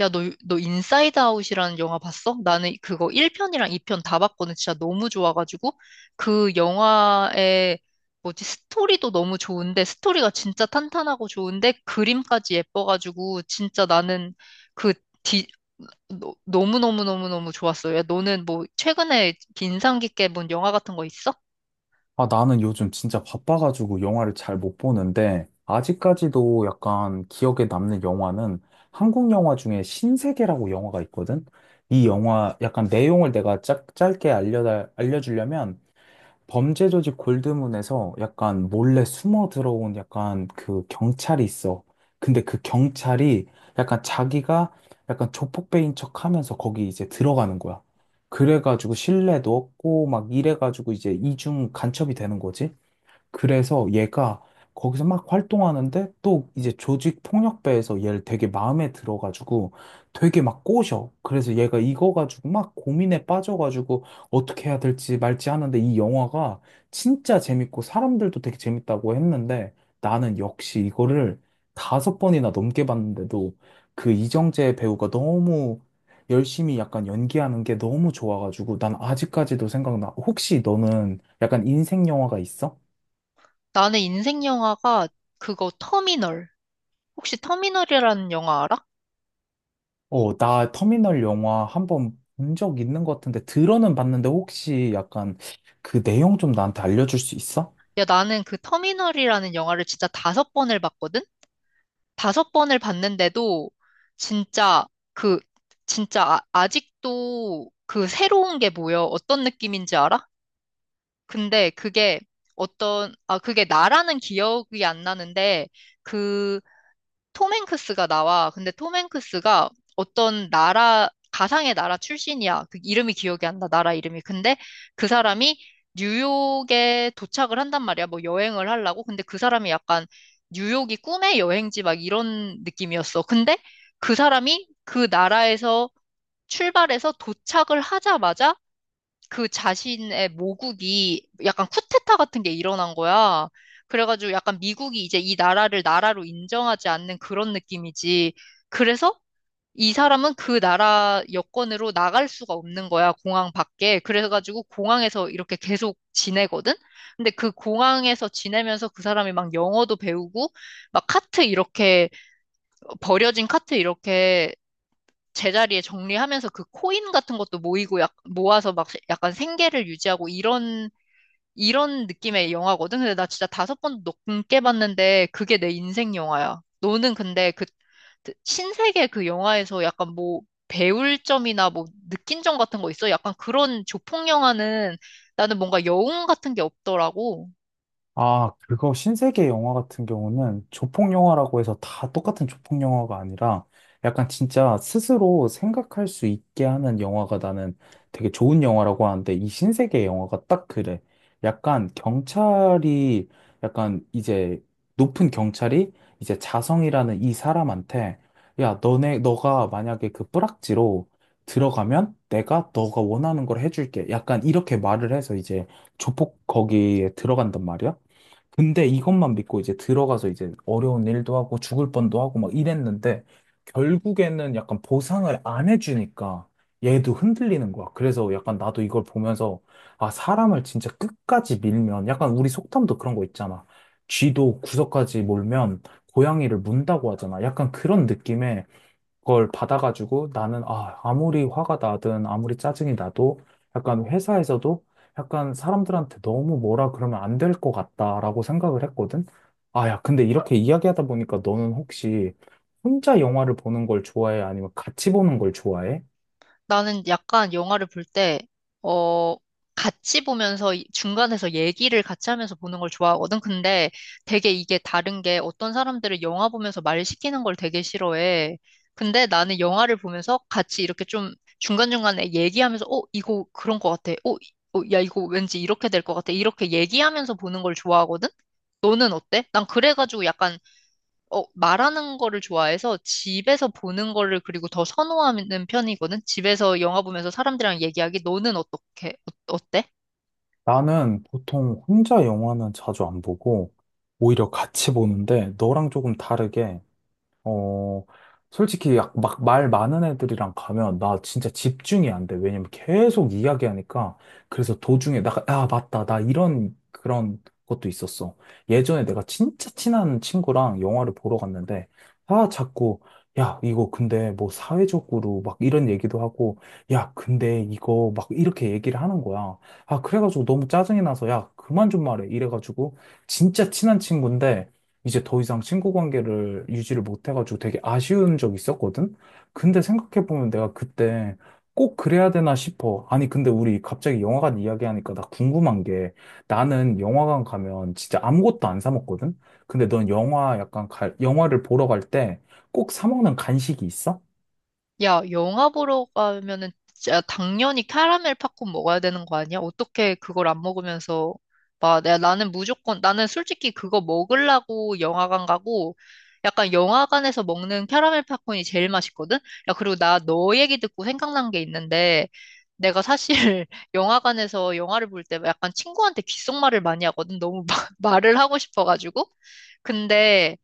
야, 너 인사이드 아웃이라는 영화 봤어? 나는 그거 1편이랑 2편 다 봤거든. 진짜 너무 좋아가지고. 그 영화의, 스토리도 너무 좋은데, 스토리가 진짜 탄탄하고 좋은데, 그림까지 예뻐가지고, 진짜 나는 그 디 너, 너무너무너무너무 좋았어. 야, 너는 뭐, 최근에 인상 깊게 본 영화 같은 거 있어? 아, 나는 요즘 진짜 바빠가지고 영화를 잘 못 보는데, 아직까지도 약간 기억에 남는 영화는 한국 영화 중에 신세계라고 영화가 있거든? 이 영화 약간 내용을 내가 짧게 알려주려면 범죄 조직 골드문에서 약간 몰래 숨어 들어온 약간 그 경찰이 있어. 근데 그 경찰이 약간 자기가 약간 조폭배인 척 하면서 거기 이제 들어가는 거야. 그래가지고 신뢰도 얻고 막 이래가지고 이제 이중 간첩이 되는 거지. 그래서 얘가 거기서 막 활동하는데 또 이제 조직 폭력배에서 얘를 되게 마음에 들어가지고 되게 막 꼬셔. 그래서 얘가 이거 가지고 막 고민에 빠져가지고 어떻게 해야 될지 말지 하는데 이 영화가 진짜 재밌고 사람들도 되게 재밌다고 했는데 나는 역시 이거를 다섯 번이나 넘게 봤는데도 그 이정재 배우가 너무 열심히 약간 연기하는 게 너무 좋아가지고 난 아직까지도 생각나. 혹시 너는 약간 인생 영화가 있어? 나는 인생 영화가 그거 터미널. 혹시 터미널이라는 영화 알아? 어, 나 터미널 영화 한 번 본 적 있는 것 같은데, 들어는 봤는데, 혹시 약간 그 내용 좀 나한테 알려줄 수 있어? 야, 나는 그 터미널이라는 영화를 진짜 다섯 번을 봤거든? 다섯 번을 봤는데도 진짜 그 진짜 아, 아직도 그 새로운 게 뭐여 어떤 느낌인지 알아? 근데 그게 어떤 아 그게 나라는 기억이 안 나는데, 그 톰 행크스가 나와. 근데 톰 행크스가 어떤 나라, 가상의 나라 출신이야. 그 이름이 기억이 안 나, 나라 이름이. 근데 그 사람이 뉴욕에 도착을 한단 말이야. 뭐 여행을 하려고. 근데 그 사람이 약간 뉴욕이 꿈의 여행지 막 이런 느낌이었어. 근데 그 사람이 그 나라에서 출발해서 도착을 하자마자 그 자신의 모국이 약간 쿠데타 같은 게 일어난 거야. 그래가지고 약간 미국이 이제 이 나라를 나라로 인정하지 않는 그런 느낌이지. 그래서 이 사람은 그 나라 여권으로 나갈 수가 없는 거야, 공항 밖에. 그래가지고 공항에서 이렇게 계속 지내거든? 근데 그 공항에서 지내면서 그 사람이 막 영어도 배우고, 막 카트 이렇게, 버려진 카트 이렇게 제자리에 정리하면서 그 코인 같은 것도 모이고 약, 모아서 막 약간 생계를 유지하고 이런 느낌의 영화거든. 근데 나 진짜 다섯 번 넘게 봤는데 그게 내 인생 영화야. 너는 근데 그 신세계 그 영화에서 약간 뭐 배울 점이나 뭐 느낀 점 같은 거 있어? 약간 그런 조폭 영화는 나는 뭔가 여운 같은 게 없더라고. 아, 그거 신세계 영화 같은 경우는 조폭 영화라고 해서 다 똑같은 조폭 영화가 아니라 약간 진짜 스스로 생각할 수 있게 하는 영화가 나는 되게 좋은 영화라고 하는데 이 신세계 영화가 딱 그래. 약간 경찰이 약간 이제 높은 경찰이 이제 자성이라는 이 사람한테 야, 너네 너가 만약에 그 뿌락지로 들어가면 내가 너가 원하는 걸 해줄게. 약간 이렇게 말을 해서 이제 조폭 거기에 들어간단 말이야. 근데 이것만 믿고 이제 들어가서 이제 어려운 일도 하고 죽을 뻔도 하고 막 이랬는데 결국에는 약간 보상을 안 해주니까 얘도 흔들리는 거야. 그래서 약간 나도 이걸 보면서 아, 사람을 진짜 끝까지 밀면 약간 우리 속담도 그런 거 있잖아. 쥐도 구석까지 몰면 고양이를 문다고 하잖아. 약간 그런 느낌에 그걸 받아가지고 나는 아, 아무리 화가 나든 아무리 짜증이 나도 약간 회사에서도 약간 사람들한테 너무 뭐라 그러면 안 될 것 같다라고 생각을 했거든. 아, 야, 근데 이렇게 이야기하다 보니까 너는 혹시 혼자 영화를 보는 걸 좋아해? 아니면 같이 보는 걸 좋아해? 나는 약간 영화를 볼 때, 어, 같이 보면서 이- 중간에서 얘기를 같이 하면서 보는 걸 좋아하거든. 근데 되게 이게 다른 게 어떤 사람들은 영화 보면서 말 시키는 걸 되게 싫어해. 근데 나는 영화를 보면서 같이 이렇게 좀 중간중간에 얘기하면서, 어, 이거 그런 것 같아. 야, 이거 왠지 이렇게 될 것 같아. 이렇게 얘기하면서 보는 걸 좋아하거든? 너는 어때? 난 그래가지고 약간 어, 말하는 거를 좋아해서 집에서 보는 거를 그리고 더 선호하는 편이거든? 집에서 영화 보면서 사람들이랑 얘기하기, 너는 어떻게, 어, 어때? 나는 보통 혼자 영화는 자주 안 보고 오히려 같이 보는데 너랑 조금 다르게 어, 솔직히 약 막 말 많은 애들이랑 가면 나 진짜 집중이 안 돼. 왜냐면 계속 이야기하니까. 그래서 도중에 나, 아, 맞다. 나 이런 그런 것도 있었어. 예전에 내가 진짜 친한 친구랑 영화를 보러 갔는데, 아, 자꾸, 야, 이거 근데 뭐 사회적으로 막 이런 얘기도 하고, 야, 근데 이거 막 이렇게 얘기를 하는 거야. 아, 그래가지고 너무 짜증이 나서, 야, 그만 좀 말해. 이래가지고, 진짜 친한 친구인데, 이제 더 이상 친구 관계를 유지를 못해가지고 되게 아쉬운 적이 있었거든? 근데 생각해보면 내가 그때 꼭 그래야 되나 싶어. 아니, 근데 우리 갑자기 영화관 이야기하니까 나 궁금한 게 나는 영화관 가면 진짜 아무것도 안 사 먹거든? 근데 넌 영화 약간 영화를 보러 갈 때 꼭 사 먹는 간식이 있어? 야, 영화 보러 가면은 진짜 당연히 캐러멜 팝콘 먹어야 되는 거 아니야? 어떻게 그걸 안 먹으면서 막 내가 나는 무조건 나는 솔직히 그거 먹으려고 영화관 가고 약간 영화관에서 먹는 캐러멜 팝콘이 제일 맛있거든? 야, 그리고 나 너 얘기 듣고 생각난 게 있는데 내가 사실 영화관에서 영화를 볼 때 약간 친구한테 귓속말을 많이 하거든. 너무 막 말을 하고 싶어가지고. 근데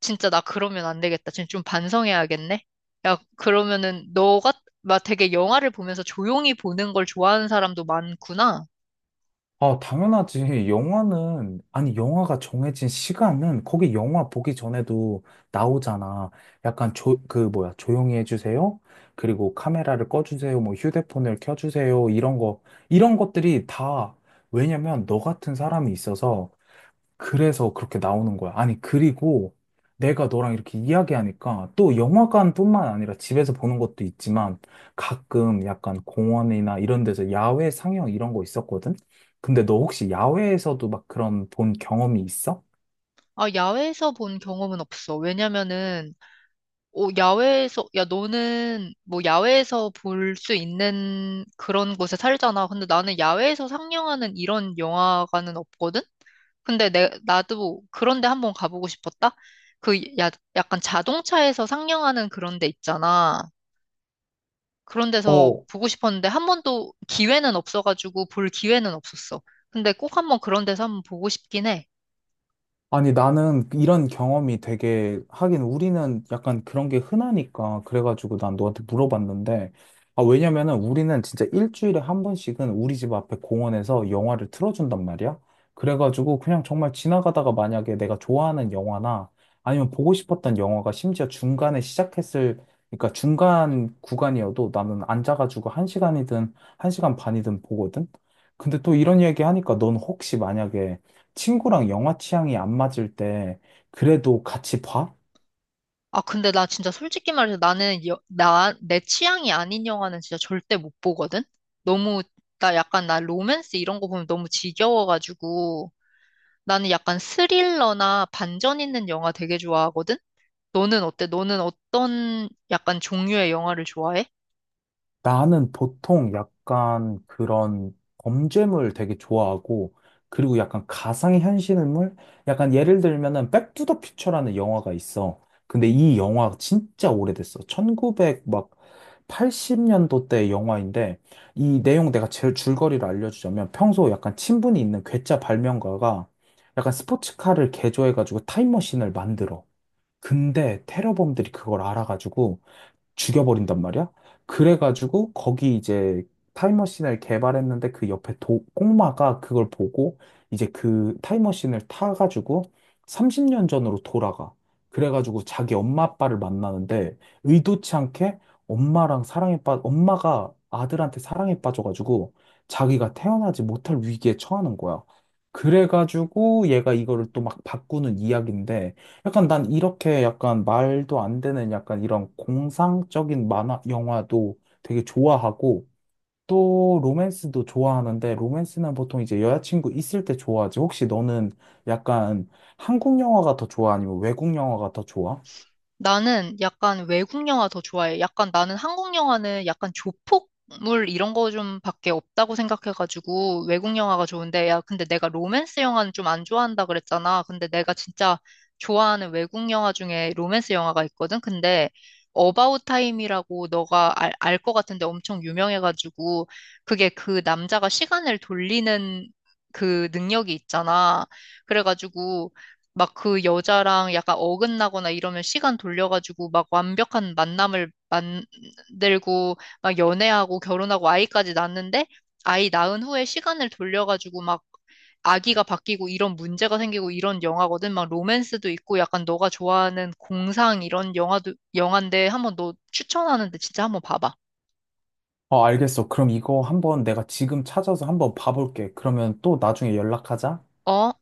진짜 나 그러면 안 되겠다. 진짜 좀 반성해야겠네. 야, 그러면은 너가 막 되게 영화를 보면서 조용히 보는 걸 좋아하는 사람도 많구나. 아, 당연하지. 영화는, 아니, 영화가 정해진 시간은 거기 영화 보기 전에도 나오잖아. 약간 조, 그, 뭐야, 조용히 해주세요. 그리고 카메라를 꺼주세요. 뭐 휴대폰을 켜주세요. 이런 거, 이런 것들이 다, 왜냐면 너 같은 사람이 있어서 그래서 그렇게 나오는 거야. 아니, 그리고 내가 너랑 이렇게 이야기하니까 또 영화관뿐만 아니라 집에서 보는 것도 있지만 가끔 약간 공원이나 이런 데서 야외 상영 이런 거 있었거든? 근데 너 혹시 야외에서도 막 그런 본 경험이 있어? 아, 야외에서 본 경험은 없어. 왜냐면은 어, 야외에서 야 너는 뭐 야외에서 볼 수 있는 그런 곳에 살잖아. 근데 나는 야외에서 상영하는 이런 영화관은 없거든. 근데 내 나도 그런데 한번 가보고 싶었다. 그 야, 약간 자동차에서 상영하는 그런 데 있잖아. 그런 데서 어. 보고 싶었는데 한 번도 기회는 없어가지고 볼 기회는 없었어. 근데 꼭 한 번 그런 데서 한번 보고 싶긴 해. 아니, 나는 이런 경험이 되게, 하긴 우리는 약간 그런 게 흔하니까, 그래가지고 난 너한테 물어봤는데, 아, 왜냐면은 우리는 진짜 일주일에 한 번씩은 우리 집 앞에 공원에서 영화를 틀어준단 말이야. 그래가지고 그냥 정말 지나가다가 만약에 내가 좋아하는 영화나 아니면 보고 싶었던 영화가 심지어 중간에 시작했을, 그러니까 중간 구간이어도 나는 앉아가지고 한 시간이든 한 시간 반이든 보거든? 근데 또 이런 이야기 하니까 넌 혹시 만약에 친구랑 영화 취향이 안 맞을 때 그래도 같이 봐? 아, 근데 나 진짜 솔직히 말해서 나는 여- 나, 내 취향이 아닌 영화는 진짜 절대 못 보거든? 너무, 나 로맨스 이런 거 보면 너무 지겨워가지고 나는 약간 스릴러나 반전 있는 영화 되게 좋아하거든? 너는 어때? 너는 어떤 약간 종류의 영화를 좋아해? 나는 보통 약간 그런 범죄물 되게 좋아하고 그리고 약간 가상의 현실물? 약간 예를 들면은 백투더 퓨처라는 영화가 있어. 근데 이 영화 진짜 오래됐어. 1 9백막 80년도 때 영화인데 이 내용 내가 제일 줄거리를 알려주자면 평소 약간 친분이 있는 괴짜 발명가가 약간 스포츠카를 개조해가지고 타임머신을 만들어. 근데 테러범들이 그걸 알아가지고 죽여버린단 말이야. 그래가지고 거기 이제 타임머신을 개발했는데 그 옆에 꼬마가 그걸 보고 이제 그 타임머신을 타가지고 30년 전으로 돌아가. 그래가지고 자기 엄마 아빠를 만나는데 의도치 않게 엄마가 아들한테 사랑에 빠져가지고 자기가 태어나지 못할 위기에 처하는 거야. 그래가지고 얘가 이거를 또 막 바꾸는 이야기인데 약간 난 이렇게 약간 말도 안 되는 약간 이런 공상적인 만화, 영화도 되게 좋아하고 또 로맨스도 좋아하는데 로맨스는 보통 이제 여자친구 있을 때 좋아하지. 혹시 너는 약간 한국 영화가 더 좋아? 아니면 외국 영화가 더 좋아? 나는 약간 외국 영화 더 좋아해. 약간 나는 한국 영화는 약간 조폭물 이런 거 좀 밖에 없다고 생각해가지고 외국 영화가 좋은데, 야, 근데 내가 로맨스 영화는 좀 안 좋아한다 그랬잖아. 근데 내가 진짜 좋아하는 외국 영화 중에 로맨스 영화가 있거든. 근데 어바웃 타임이라고 너가 알, 알 것 같은데 엄청 유명해가지고 그게 그 남자가 시간을 돌리는 그 능력이 있잖아. 그래가지고 막 그 여자랑 약간 어긋나거나 이러면 시간 돌려가지고 막 완벽한 만남을 만들고 막 연애하고 결혼하고 아이까지 낳는데 아이 낳은 후에 시간을 돌려가지고 막 아기가 바뀌고 이런 문제가 생기고 이런 영화거든. 막 로맨스도 있고 약간 너가 좋아하는 공상 이런 영화도 영화인데 한번 너 추천하는데 진짜 한번 봐봐. 어, 알겠어. 그럼 이거 한번 내가 지금 찾아서 한번 봐볼게. 그러면 또 나중에 연락하자. 어.